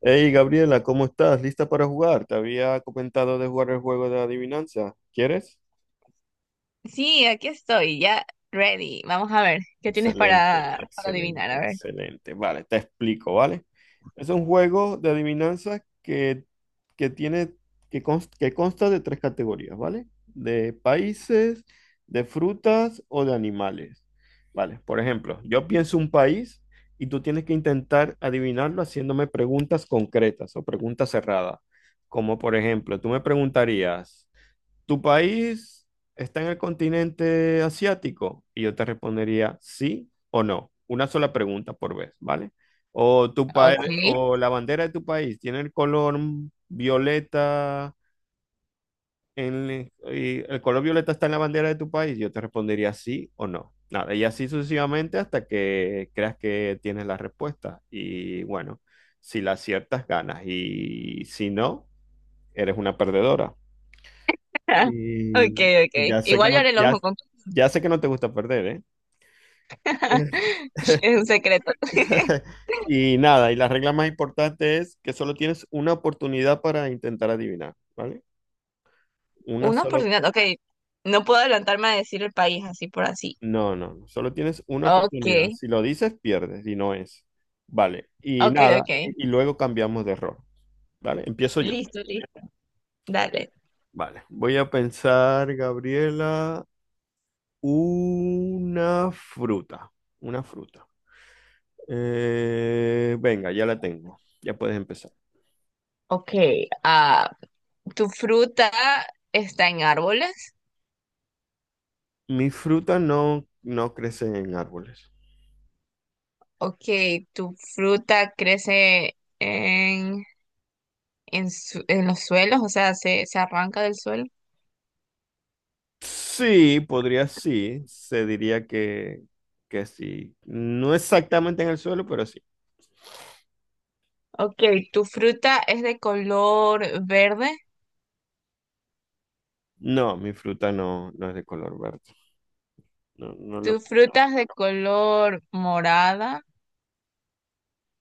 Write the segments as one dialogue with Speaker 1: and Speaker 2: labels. Speaker 1: Hey Gabriela, ¿cómo estás? ¿Lista para jugar? Te había comentado de jugar el juego de adivinanza. ¿Quieres?
Speaker 2: Sí, aquí estoy, ya ready. Vamos a ver, ¿qué tienes
Speaker 1: Excelente,
Speaker 2: para adivinar?
Speaker 1: excelente,
Speaker 2: A ver.
Speaker 1: excelente. Vale, te explico, ¿vale? Es un juego de adivinanzas que tiene, que consta de tres categorías, ¿vale? De países, de frutas o de animales. Vale, por ejemplo, yo pienso un país y tú tienes que intentar adivinarlo haciéndome preguntas concretas o preguntas cerradas. Como por ejemplo, tú me preguntarías, ¿tu país está en el continente asiático? Y yo te respondería sí o no. Una sola pregunta por vez, ¿vale? O tu país,
Speaker 2: Ok.
Speaker 1: o la bandera de tu país tiene el color violeta en, el y el color violeta está en la bandera de tu país. Yo te respondería sí o no. Nada, y así sucesivamente hasta que creas que tienes la respuesta. Y bueno, si la aciertas, ganas. Y si no, eres una perdedora.
Speaker 2: Ok,
Speaker 1: Y
Speaker 2: ok.
Speaker 1: ya sé que
Speaker 2: Igual yo
Speaker 1: no,
Speaker 2: haré lo mismo
Speaker 1: ya,
Speaker 2: con...
Speaker 1: ya sé que no te gusta perder, ¿eh?
Speaker 2: Es un secreto.
Speaker 1: Y nada, y la regla más importante es que solo tienes una oportunidad para intentar adivinar, ¿vale? Una
Speaker 2: Una
Speaker 1: sola.
Speaker 2: oportunidad, ok. No puedo adelantarme a decir el país así por así.
Speaker 1: No, no, no, solo tienes una
Speaker 2: Ok,
Speaker 1: oportunidad. Si lo dices, pierdes, y no es. Vale, y
Speaker 2: ok,
Speaker 1: nada,
Speaker 2: ok.
Speaker 1: y luego cambiamos de error, ¿vale? Empiezo yo.
Speaker 2: Listo, listo. Dale.
Speaker 1: Vale, voy a pensar, Gabriela, una fruta, una fruta. Venga, ya la tengo. Ya puedes empezar.
Speaker 2: Ok, ah, ¿tu fruta está en árboles?
Speaker 1: Mis frutas no crecen en árboles.
Speaker 2: Ok, ¿tu fruta crece su- en los suelos? O sea, se arranca del suelo?
Speaker 1: Sí, podría sí. Se diría que sí. No exactamente en el suelo, pero sí.
Speaker 2: Ok, ¿tu fruta es de color verde?
Speaker 1: No, mi fruta no es de color verde. No,
Speaker 2: ¿Tu fruta es de color morada?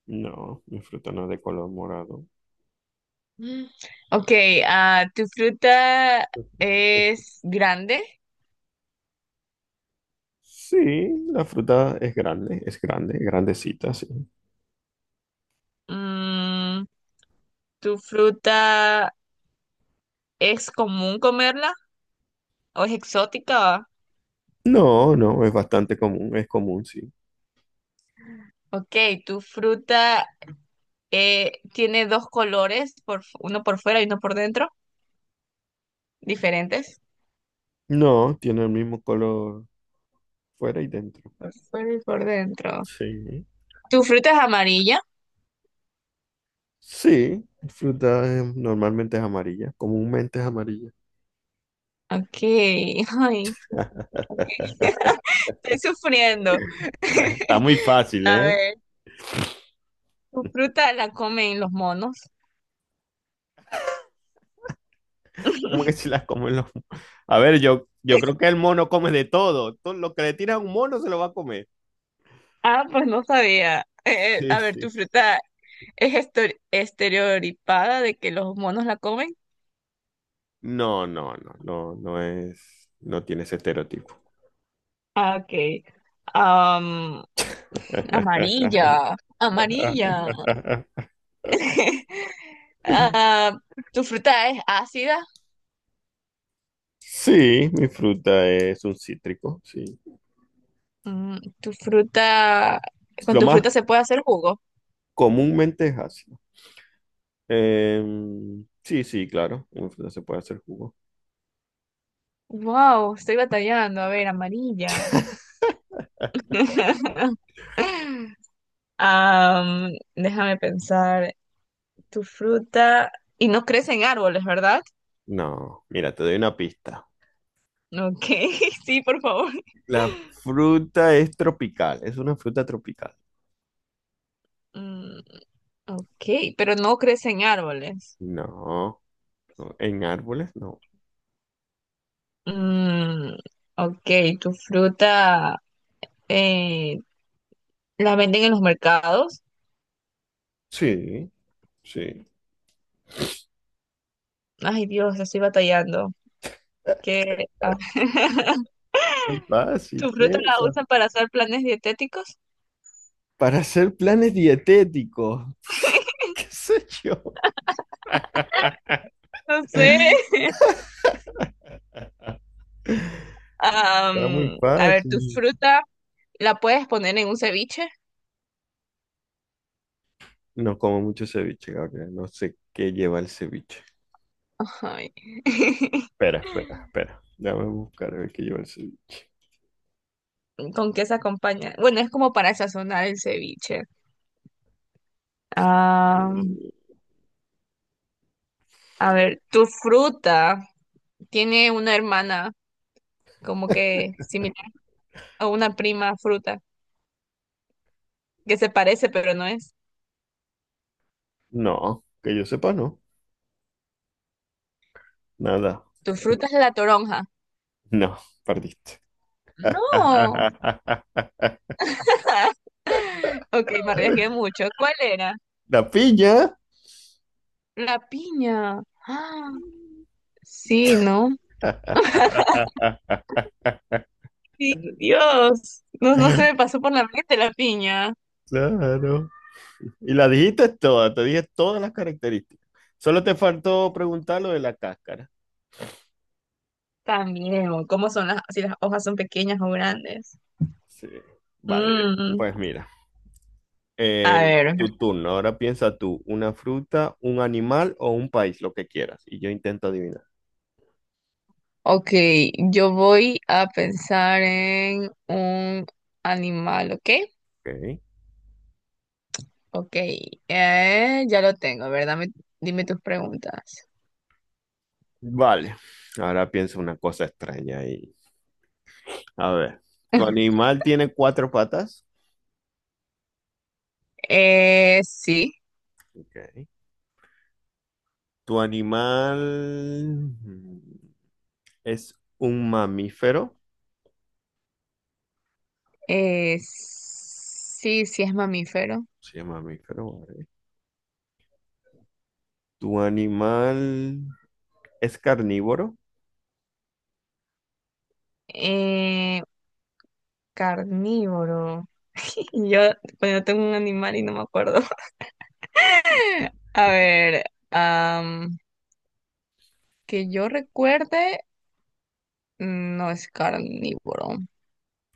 Speaker 1: mi fruta no es de color morado.
Speaker 2: Mm. Ok, ¿tu fruta es grande?
Speaker 1: Sí, la fruta es grande, grandecita, sí.
Speaker 2: Mm, ¿tu fruta es común comerla o es exótica?
Speaker 1: No, no, es bastante común, es común, sí.
Speaker 2: Ok, ¿tu fruta tiene dos colores, por, fu- uno por fuera y uno por dentro? ¿Diferentes?
Speaker 1: No, tiene el mismo color fuera y dentro.
Speaker 2: Por fuera y por dentro.
Speaker 1: Sí.
Speaker 2: ¿Tu fruta es amarilla?
Speaker 1: Sí, fruta normalmente es amarilla, comúnmente es amarilla.
Speaker 2: Ok, ay. Estoy sufriendo.
Speaker 1: Está muy fácil,
Speaker 2: A
Speaker 1: ¿eh?
Speaker 2: ver, ¿tu fruta la comen los monos?
Speaker 1: ¿Cómo que si las comen los? A ver, yo creo que el mono come de todo. Todo lo que le tira a un mono se lo va a comer.
Speaker 2: Ah, pues no sabía.
Speaker 1: Sí,
Speaker 2: A ver,
Speaker 1: sí.
Speaker 2: ¿tu fruta es estor- estereotipada de que los monos la comen?
Speaker 1: No, no, no, no, no es. No tiene ese estereotipo.
Speaker 2: Ah, ok. Am, amarilla, amarilla. Ah, ¿tu fruta es ácida?
Speaker 1: Sí, mi fruta es un cítrico, sí.
Speaker 2: Mm, ¿tu fruta... ¿Con
Speaker 1: Lo
Speaker 2: tu
Speaker 1: más
Speaker 2: fruta se puede hacer jugo?
Speaker 1: comúnmente es así. Sí, sí, claro. Una fruta se puede hacer jugo.
Speaker 2: Wow, estoy batallando. A ver, amarilla. Déjame pensar, tu fruta y no crece en árboles, ¿verdad?
Speaker 1: No, mira, te doy una pista.
Speaker 2: Ok, sí, por favor.
Speaker 1: La fruta es tropical, es una fruta tropical.
Speaker 2: Mm, ok, pero no crece en árboles.
Speaker 1: No, no, en árboles no.
Speaker 2: Mm, ok, tu fruta eh, la venden en los mercados.
Speaker 1: Sí, sí.
Speaker 2: Ay, Dios, estoy batallando.
Speaker 1: Eh,
Speaker 2: ¿Qué? Ah,
Speaker 1: Muy fácil,
Speaker 2: ¿tu fruta la
Speaker 1: piensa.
Speaker 2: usan para hacer planes dietéticos?
Speaker 1: Para hacer planes dietéticos. ¿Qué sé yo?
Speaker 2: No sé.
Speaker 1: Está muy
Speaker 2: A ver, tu
Speaker 1: fácil.
Speaker 2: fruta la puedes poner en un ceviche.
Speaker 1: No como mucho ceviche, Gabriel. No sé qué lleva el ceviche.
Speaker 2: Ay.
Speaker 1: Espera, espera, espera. Déjame buscar a ver que yo el cel-
Speaker 2: ¿Con qué se acompaña? Bueno, es como para sazonar el ceviche. Ah, a ver, tu fruta tiene una hermana como que similar a una prima fruta que se parece, pero no es.
Speaker 1: No, que yo sepa, no. Nada.
Speaker 2: Tu fruta es la toronja.
Speaker 1: No, perdiste.
Speaker 2: No. Ok, me arriesgué mucho. ¿Cuál era?
Speaker 1: La piña.
Speaker 2: La piña. Ah, sí, ¿no? Sí, Dios. No, no se me pasó por la mente la piña.
Speaker 1: Claro. Y la dijiste toda, te dije todas las características. Solo te faltó preguntar lo de la cáscara.
Speaker 2: También, o ¿cómo son las, si las hojas son pequeñas o grandes?
Speaker 1: Sí. Vale.
Speaker 2: Mm,
Speaker 1: Pues mira,
Speaker 2: a ver.
Speaker 1: tu turno. Ahora piensa tú, una fruta, un animal o un país, lo que quieras. Y yo intento adivinar.
Speaker 2: Ok, yo voy a pensar en un animal, ¿ok?
Speaker 1: Ok.
Speaker 2: Ok, ya lo tengo, ¿verdad? Dame, dime tus preguntas.
Speaker 1: Vale, ahora pienso una cosa extraña ahí. A ver, ¿tu animal tiene cuatro patas?
Speaker 2: Sí.
Speaker 1: Ok. ¿Tu animal mm, es un mamífero?
Speaker 2: Eh, sí, es mamífero.
Speaker 1: Sí, es mamífero. Vale. ¿Tu animal es carnívoro?
Speaker 2: Eh, carnívoro. Yo bueno, tengo un animal y no me acuerdo. A ver, am, que yo recuerde, no es carnívoro.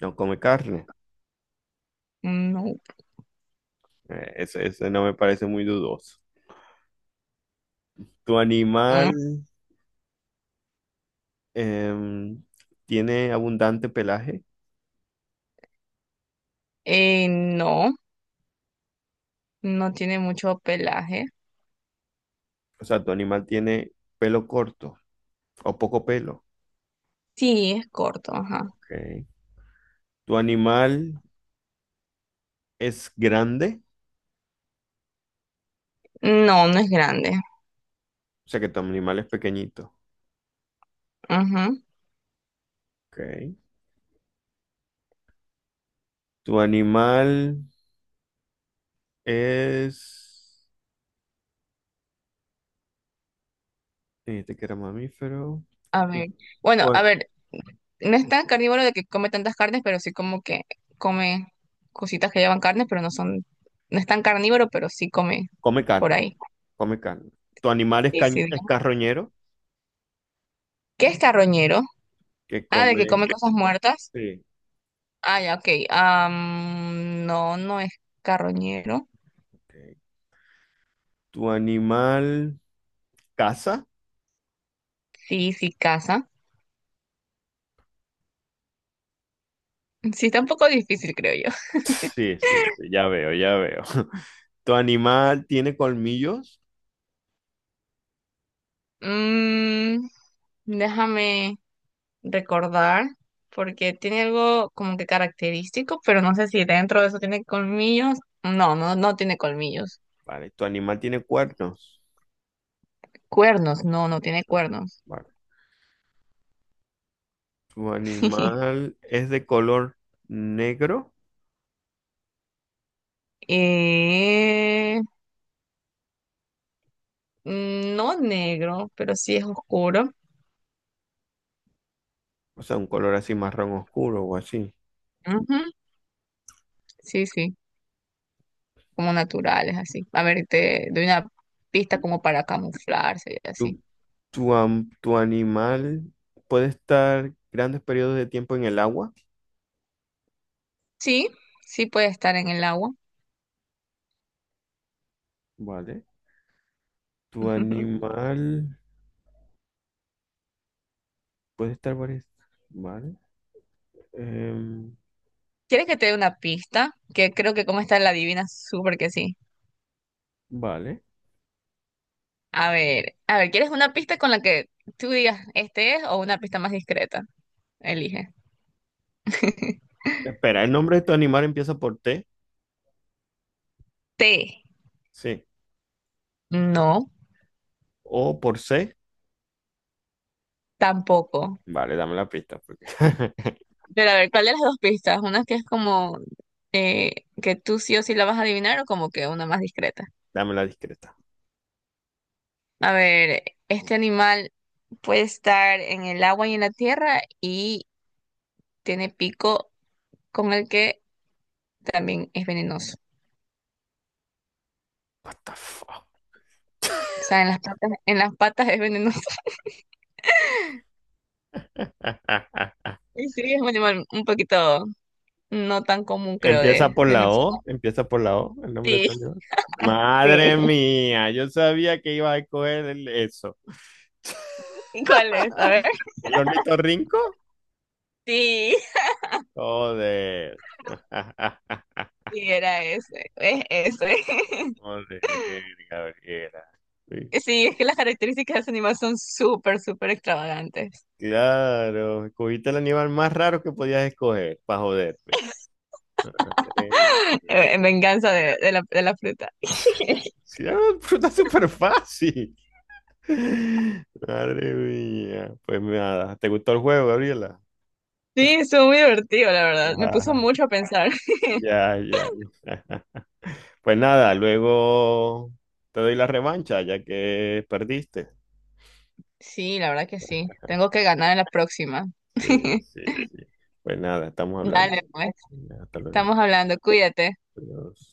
Speaker 1: No come carne.
Speaker 2: No.
Speaker 1: Ese no me parece muy dudoso. ¿Tu animal
Speaker 2: Mm,
Speaker 1: em, tiene abundante pelaje?
Speaker 2: no. No tiene mucho pelaje.
Speaker 1: O sea, ¿tu animal tiene pelo corto o poco pelo?
Speaker 2: Sí, es corto, ajá.
Speaker 1: Ok. ¿Tu animal es grande,
Speaker 2: No, no es grande.
Speaker 1: o sea que tu animal es pequeñito?
Speaker 2: Ajá.
Speaker 1: Ok. Tu animal es, este que era mamífero.
Speaker 2: A
Speaker 1: Tu-
Speaker 2: ver. Bueno, a
Speaker 1: tu-
Speaker 2: ver, no es tan carnívoro de que come tantas carnes, pero sí como que come cositas que llevan carne, pero no son, no es tan carnívoro, pero sí come
Speaker 1: Come
Speaker 2: por
Speaker 1: carne,
Speaker 2: ahí.
Speaker 1: come carne. Tu animal es,
Speaker 2: Sí, sí,
Speaker 1: cañ- es
Speaker 2: digamos.
Speaker 1: carroñero,
Speaker 2: ¿Qué es carroñero?
Speaker 1: que
Speaker 2: Ah, de que
Speaker 1: come.
Speaker 2: come cosas muertas.
Speaker 1: Sí.
Speaker 2: Ah, ya, ok. No, no es carroñero.
Speaker 1: Ok. Tu animal caza.
Speaker 2: Sí, sí caza. Sí, está un poco difícil, creo yo.
Speaker 1: Sí, sí, sí, ya veo, ya veo. ¿Tu animal tiene colmillos?
Speaker 2: Mm, déjame recordar, porque tiene algo como que característico, pero no sé si dentro de eso tiene colmillos. No, no, no tiene colmillos.
Speaker 1: Vale. ¿Tu animal tiene cuernos?
Speaker 2: Cuernos, no, no tiene
Speaker 1: No.
Speaker 2: cuernos.
Speaker 1: Vale. ¿Tu animal es de color negro?
Speaker 2: Eh, mm, no negro, pero sí es oscuro.
Speaker 1: O sea, un color así marrón oscuro o así.
Speaker 2: Ujú, sí, sí, como naturales, así. A ver, te doy una pista como para camuflarse y así.
Speaker 1: ¿Tu, tu animal puede estar grandes periodos de tiempo en el agua?
Speaker 2: Sí, sí puede estar en el agua.
Speaker 1: Vale. ¿Tu animal puede estar varias? Vale. Em,
Speaker 2: ¿Quieres que te dé una pista? Que creo que como está la adivina, súper que sí.
Speaker 1: vale.
Speaker 2: A ver, ¿quieres una pista con la que tú digas este es o una pista más discreta? Elige.
Speaker 1: Espera, ¿el nombre de tu animal empieza por T?
Speaker 2: T.
Speaker 1: Sí.
Speaker 2: No,
Speaker 1: ¿O por C?
Speaker 2: tampoco.
Speaker 1: Vale, dame la pista. Porque.
Speaker 2: Pero a ver, ¿cuál de las dos pistas? Una que es como que tú sí o sí la vas a adivinar o como que una más discreta.
Speaker 1: Dame la discreta.
Speaker 2: A ver, este animal puede estar en el agua y en la tierra y tiene pico con el que también es venenoso.
Speaker 1: What the fuck?
Speaker 2: O sea, en las patas es venenoso. Y sí, es un animal un poquito no tan común, creo,
Speaker 1: Empieza por
Speaker 2: de
Speaker 1: la
Speaker 2: mencionar.
Speaker 1: O, empieza por la O, el nombre de
Speaker 2: Sí,
Speaker 1: tu animal.
Speaker 2: sí.
Speaker 1: Madre mía, yo sabía que iba a coger eso.
Speaker 2: ¿Cuál es? A ver.
Speaker 1: ¿El hornito Rinco?
Speaker 2: Sí,
Speaker 1: Joder.
Speaker 2: sí, era ese. Es ese.
Speaker 1: Joder, Gabriela. Sí,
Speaker 2: Sí, es que las características de ese animal son súper, súper extravagantes.
Speaker 1: claro, escogiste el animal más raro que podías escoger para joderme. Madre mía.
Speaker 2: En venganza de de la fruta.
Speaker 1: Sí, era una fruta súper fácil. Madre mía. Pues nada, ¿te gustó el juego, Gabriela?
Speaker 2: Sí, estuvo muy divertido, la verdad. Me puso
Speaker 1: Ajá.
Speaker 2: mucho a pensar.
Speaker 1: Ya, ya. Ajá. Pues nada, luego te doy la revancha ya que perdiste.
Speaker 2: Sí, la verdad que sí. Tengo que ganar en la próxima.
Speaker 1: Sí, sí, sí. Pues nada, estamos hablando.
Speaker 2: Dale, pues.
Speaker 1: Hasta luego.
Speaker 2: Estamos hablando. Cuídate.
Speaker 1: Adiós.